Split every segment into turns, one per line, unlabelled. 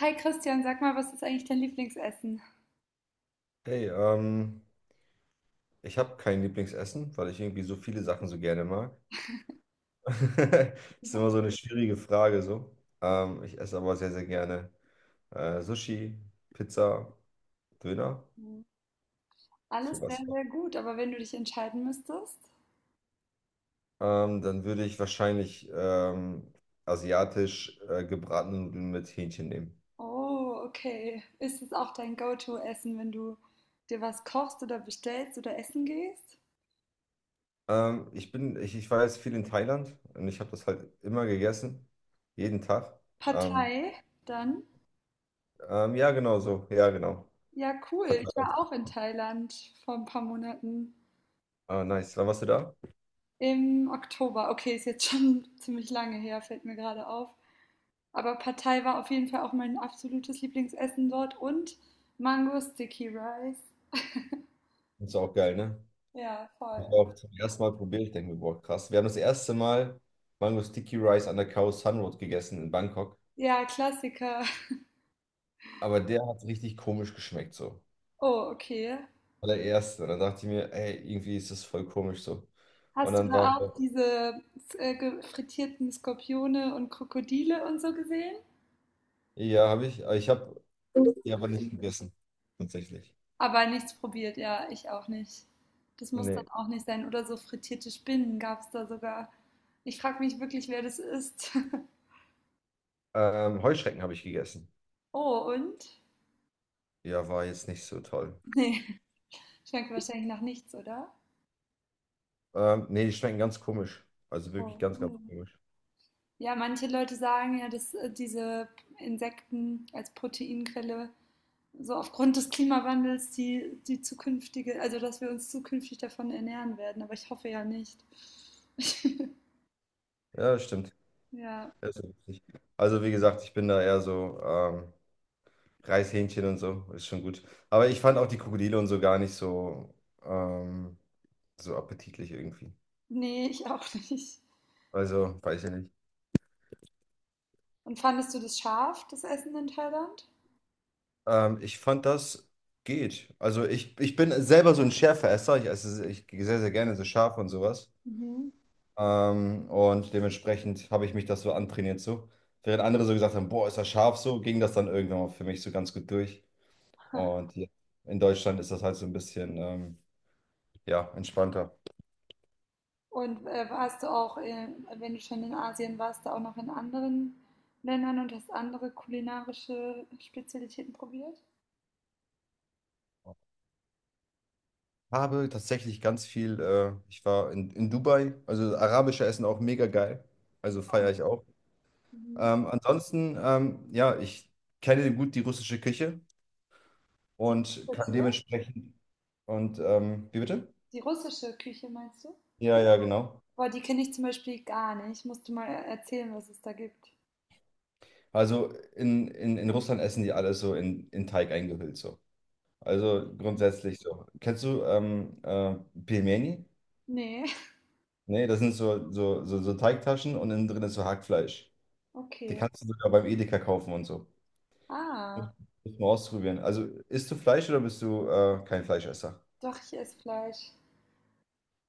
Hi Christian, sag mal, was ist eigentlich dein Lieblingsessen?
Hey, ich habe kein Lieblingsessen, weil ich irgendwie so viele Sachen so gerne mag. Ist
Ja.
immer so eine schwierige Frage so. Ich esse aber sehr, sehr gerne Sushi, Pizza, Döner,
Alles sehr,
sowas.
sehr gut, aber wenn du dich entscheiden müsstest?
Dann würde ich wahrscheinlich asiatisch gebratene Nudeln mit Hähnchen nehmen.
Oh, okay. Ist es auch dein Go-To-Essen, wenn du dir was kochst oder bestellst oder essen gehst?
Ich war jetzt viel in Thailand und ich habe das halt immer gegessen, jeden Tag. Ähm,
Partei, dann?
ja, genau so, ja, genau.
Ja, cool. Ich
Verteilt
war
auf-
auch in Thailand vor ein paar Monaten.
Ah, nice. Wann warst du da?
Im Oktober. Okay, ist jetzt schon ziemlich lange her, fällt mir gerade auf. Aber Partei war auf jeden Fall auch mein absolutes Lieblingsessen dort und Mango Sticky Rice.
Das ist auch geil, ne?
Ja,
Das
voll.
war auch zum ersten Mal probiert. Ich denke mir, boah, krass. Wir haben das erste Mal Mango Sticky Rice an der Khao San Road gegessen in Bangkok.
Ja, Klassiker.
Aber der hat richtig komisch geschmeckt, so.
Oh, okay.
Allererste. Und dann dachte ich mir, ey, irgendwie ist das voll komisch so. Und
Hast du
dann war,
da auch diese frittierten Skorpione und Krokodile und so gesehen?
ja, habe ich, ja, aber nicht gegessen. Tatsächlich.
Aber nichts probiert, ja, ich auch nicht. Das muss dann
Nee.
auch nicht sein. Oder so frittierte Spinnen gab es da sogar. Ich frage mich wirklich, wer das ist.
Heuschrecken habe ich gegessen.
Oh, und?
Ja, war jetzt nicht so toll.
Nee, schmeckt wahrscheinlich nach nichts, oder?
Nee, die schmecken ganz komisch. Also wirklich
Oh.
ganz, ganz
Cool.
komisch.
Ja, manche Leute sagen ja, dass diese Insekten als Proteinquelle so aufgrund des Klimawandels die zukünftige, also dass wir uns zukünftig davon ernähren werden, aber ich hoffe ja nicht.
Ja, das stimmt.
Ja,
Das ist richtig. Also, wie gesagt, ich bin da eher so, Reishähnchen und so, ist schon gut. Aber ich fand auch die Krokodile und so gar nicht so, ähm, so appetitlich irgendwie.
nee, ich auch nicht.
Also, weiß ich nicht.
Und fandest du das scharf, das Essen in Thailand?
Das geht. Ich bin selber so ein Schärfeesser. Ich esse ich sehr, sehr gerne so scharf und sowas.
Mhm.
Und dementsprechend habe ich mich das so antrainiert so. Während andere so gesagt haben, boah, ist das scharf so, ging das dann irgendwann mal für mich so ganz gut durch. Und hier in Deutschland ist das halt so ein bisschen, ja, entspannter.
Und warst du auch, wenn du schon in Asien warst, da auch noch in anderen Ländern und hast andere kulinarische Spezialitäten probiert?
Habe tatsächlich ganz viel, ich war in Dubai, also arabische Essen auch mega geil, also feiere ich auch.
Mhm.
Ja, ich kenne gut die russische Küche
Die
und kann
russische,
dementsprechend, und wie bitte?
die russische Küche meinst du?
Ja, ja, genau.
Boah, die kenne ich zum Beispiel gar nicht. Musst du mal erzählen, was es da gibt.
Also in Russland essen die alles so in Teig eingehüllt so. Also
Ja.
grundsätzlich so. Kennst du Pelmeni?
Ne,
Nee, das sind so Teigtaschen und innen drin ist so Hackfleisch. Die
okay.
kannst du sogar beim Edeka kaufen und so. Muss
Ah,
muss man ausprobieren. Also isst du Fleisch oder bist du kein Fleischesser?
doch, ich esse Fleisch.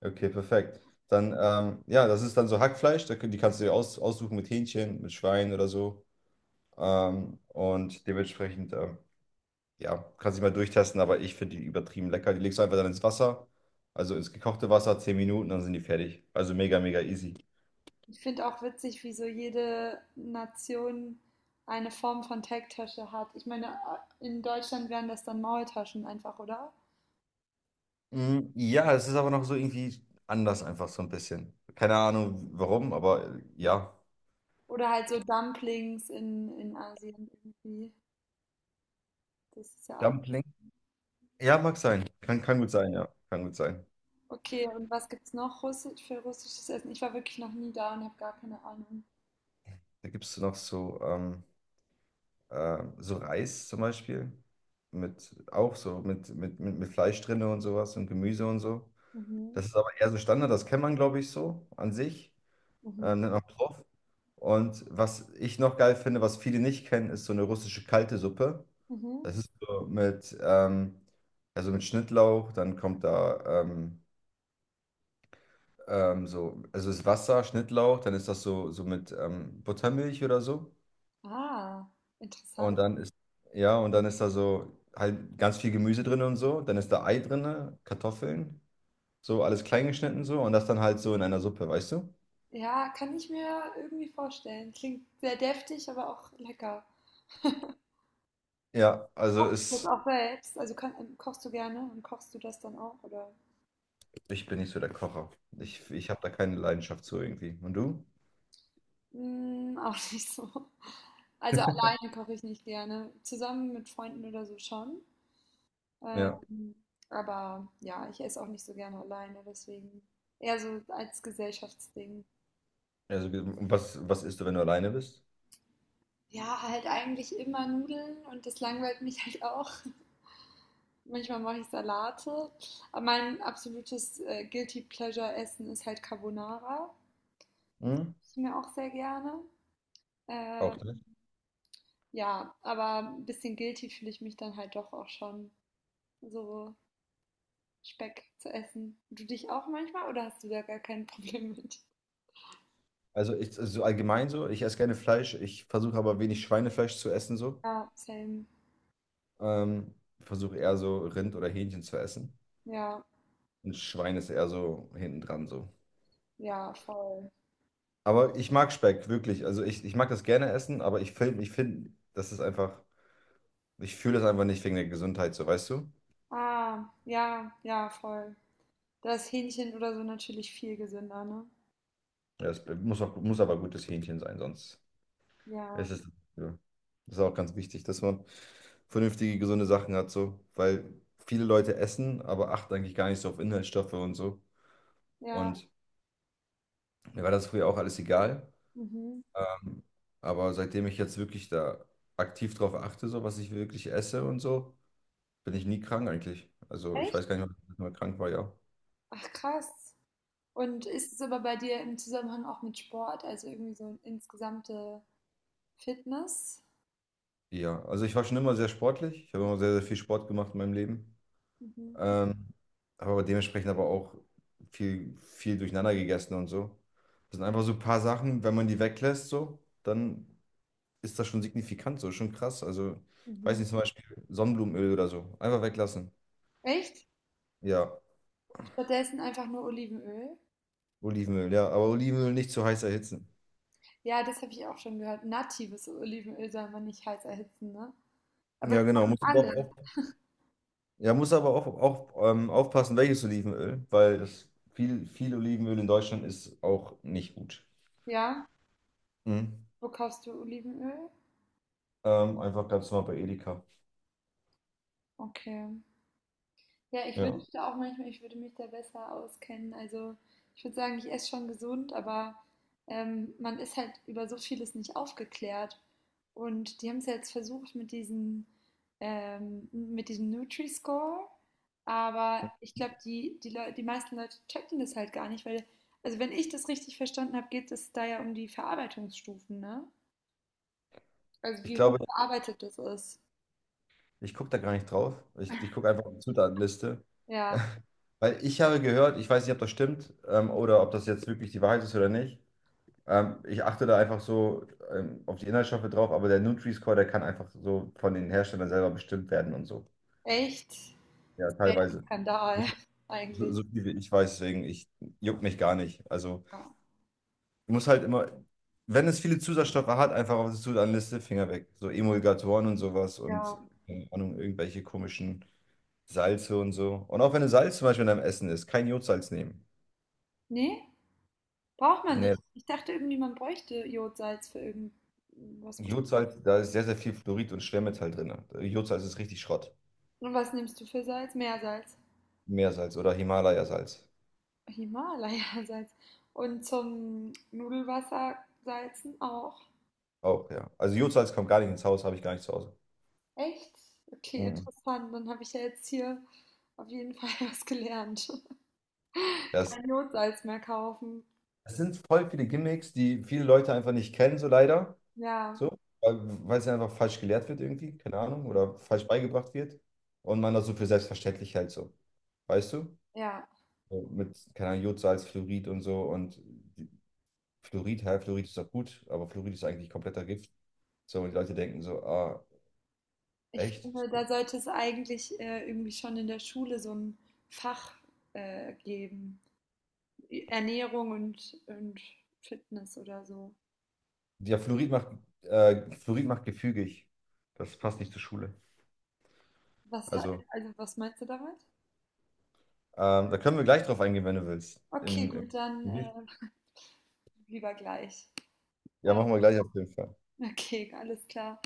Okay, perfekt. Dann, ja, das ist dann so Hackfleisch, da, die kannst du dir aus, aussuchen mit Hähnchen, mit Schwein oder so. Ähm, und dementsprechend, ähm, ja, kannst dich mal durchtesten, aber ich finde die übertrieben lecker. Die legst du einfach dann ins Wasser, also ins gekochte Wasser, 10 Minuten, dann sind die fertig. Also mega, mega easy.
Ich finde auch witzig, wie so jede Nation eine Form von Teigtasche hat. Ich meine, in Deutschland wären das dann Maultaschen einfach, oder?
Mm, ja, es ist aber noch so irgendwie anders einfach so ein bisschen. Keine Ahnung warum, aber ja.
Oder halt so Dumplings in Asien irgendwie. Das ist ja auch.
Dumpling. Ja, mag sein. Kann gut sein, ja. Kann gut sein.
Okay, und was gibt's noch Russi- für russisches Essen? Ich war wirklich noch nie da und habe gar keine Ahnung.
Da gibt es noch so so Reis zum Beispiel. Mit, auch so mit Fleisch drinne und sowas und Gemüse und so. Das ist aber eher so Standard, das kennt man, glaube ich, so an sich. Nennt man Plov. Und was ich noch geil finde, was viele nicht kennen, ist so eine russische kalte Suppe.
Mhm.
Das ist so mit, Also mit Schnittlauch, dann kommt da so, also ist Wasser, Schnittlauch, dann ist das so, so mit Buttermilch oder so.
Ah, interessant.
Und dann ist, ja, und dann ist da so halt ganz viel Gemüse drin und so. Dann ist da Ei drin, Kartoffeln, so alles klein geschnitten so. Und das dann halt so in einer Suppe, weißt du?
Ja, kann ich mir irgendwie vorstellen. Klingt sehr deftig, aber auch lecker.
Ja, also
Kochst
ist,
auch selbst? Also kann, kochst du gerne und kochst du das dann auch, oder?
Ich bin nicht so der Kocher. Ich habe da keine Leidenschaft zu irgendwie. Und du?
Mm, auch nicht so. Also alleine koche ich nicht gerne. Zusammen mit Freunden oder so schon.
Ja.
Ähm, aber ja, ich esse auch nicht so gerne alleine, deswegen eher so als Gesellschaftsding.
Also, was isst du, wenn du alleine bist?
Ja, halt eigentlich immer Nudeln und das langweilt mich halt auch. Manchmal mache ich Salate. Aber mein absolutes Guilty Pleasure Essen ist halt Carbonara.
Hm?
Ich mir auch sehr gerne.
Auch das.
Ähm, Ja, aber 'n bisschen guilty fühle ich mich dann halt doch auch schon, so Speck zu essen. Du dich auch manchmal oder hast du da gar kein Problem mit?
So allgemein so, ich esse gerne Fleisch. Ich versuche aber wenig Schweinefleisch zu essen so.
Ja, same.
Ähm, Versuche eher so Rind oder Hähnchen zu essen.
Ja,
Und Schwein ist eher so hinten dran so.
ja, voll.
Aber ich mag Speck, wirklich. Also ich mag das gerne essen, aber ich finde, das ist einfach, ich fühle das einfach nicht wegen der Gesundheit, so weißt du?
Ah, ja, ja, voll. Da ist Hähnchen oder so natürlich viel gesünder, ne?
Ja, muss aber gutes Hähnchen sein, sonst
Ja,
ist es. Ja. Das ist auch ganz wichtig, dass man vernünftige, gesunde Sachen hat, so. Weil viele Leute essen, aber achten eigentlich gar nicht so auf Inhaltsstoffe und so.
ja,
Und mir war das früher auch alles egal.
mhm.
Ähm, aber seitdem ich jetzt wirklich da aktiv drauf achte, so was ich wirklich esse und so, bin ich nie krank eigentlich. Also ich
Echt?
weiß gar nicht, wann ich mal krank war, ja.
Ach krass. Und ist es aber bei dir im Zusammenhang auch mit Sport, also irgendwie so insgesamte Fitness?
Ja, also ich war schon immer sehr sportlich. Ich habe immer sehr, sehr viel Sport gemacht in meinem Leben.
Mhm,
Ähm, habe aber dementsprechend auch viel, viel durcheinander gegessen und so. Das sind einfach so ein paar Sachen, wenn man die weglässt, so, dann ist das schon signifikant, so, schon krass. Also, ich weiß
mhm.
nicht, zum Beispiel Sonnenblumenöl oder so. Einfach weglassen.
Echt?
Ja.
Stattdessen einfach nur Olivenöl.
Olivenöl, ja, aber Olivenöl nicht zu heiß erhitzen.
Ja, das habe ich auch schon gehört. Natives Olivenöl soll man nicht heiß erhitzen, ne? Aber
Ja,
das
genau.
machen
Muss aber
alle,
auch, auf- Ja, muss aber auch, auch aufpassen, welches Olivenöl, weil das viel, viel Olivenöl in Deutschland ist auch nicht gut.
ja?
Mhm.
Wo kaufst du Olivenöl?
Einfach ganz normal bei Edeka.
Okay. Ja, ich
Ja.
wünschte auch manchmal, ich würde mich da besser auskennen. Also ich würde sagen, ich esse schon gesund, aber man ist halt über so vieles nicht aufgeklärt. Und die haben es ja jetzt versucht mit diesem Nutri-Score, aber ich glaube, die meisten Leute checken das halt gar nicht, weil, also wenn ich das richtig verstanden habe, geht es da ja um die Verarbeitungsstufen, ne? Also
Ich
wie hoch
glaube,
verarbeitet das ist.
ich gucke da gar nicht drauf. Ich gucke einfach auf die Zutatenliste.
Ja,
Weil ich habe gehört, ich weiß nicht, ob das stimmt, oder ob das jetzt wirklich die Wahrheit ist oder nicht. Ich achte da einfach so auf die Inhaltsstoffe drauf, aber der Nutri-Score, der kann einfach so von den Herstellern selber bestimmt werden und so.
echt.
Ja,
Das wäre ein
teilweise. So,
Skandal
so
eigentlich.
so viel wie ich weiß, deswegen, ich juckt mich gar nicht. Also,
Ja.
ich muss halt immer, wenn es viele Zusatzstoffe hat, einfach auf die Zutatenliste, Finger weg. So Emulgatoren und sowas und,
Ja,
keine Ahnung, irgendwelche komischen Salze und so. Und auch wenn ein Salz zum Beispiel in deinem Essen ist, kein Jodsalz nehmen.
nee, braucht man
Nee,
nicht. Ich dachte irgendwie, man bräuchte Jodsalz für irgendwas Bestimmtes.
Jodsalz, da ist sehr, sehr viel Fluorid und Schwermetall drin. Jodsalz ist richtig Schrott.
Und was nimmst du für Salz? Meersalz.
Meersalz oder Himalayasalz.
Himalaya-Salz. Und zum Nudelwasser salzen auch.
Auch, ja. Also Jodsalz kommt gar nicht ins Haus, habe ich gar nicht zu Hause.
Echt? Okay,
Mhm.
interessant. Dann habe ich ja jetzt hier auf jeden Fall was gelernt.
Das,
Kein Jodsalz mehr kaufen.
das sind voll viele Gimmicks, die viele Leute einfach nicht kennen, so leider.
Ja,
So, weil es ja einfach falsch gelehrt wird irgendwie, keine Ahnung, oder falsch beigebracht wird. Und man das so für selbstverständlich hält, so. Weißt du?
ja.
So mit, keine Ahnung, Jodsalz, Fluorid und so. Die- Fluorid, hä, Fluorid ist doch gut, aber Fluorid ist eigentlich kompletter Gift. So, und die Leute denken so, ah,
Ich
echt?
finde, da
So.
sollte es eigentlich irgendwie schon in der Schule so ein Fach geben. Ernährung und Fitness oder so.
Ja, Fluorid macht gefügig. Das passt nicht zur Schule.
Was
Also,
halt, also was meinst du damit?
da können wir gleich drauf eingehen, wenn du willst.
Okay, gut, dann
Im,
lieber gleich.
ja,
Ja,
machen wir gleich auf jeden Fall.
okay, alles klar.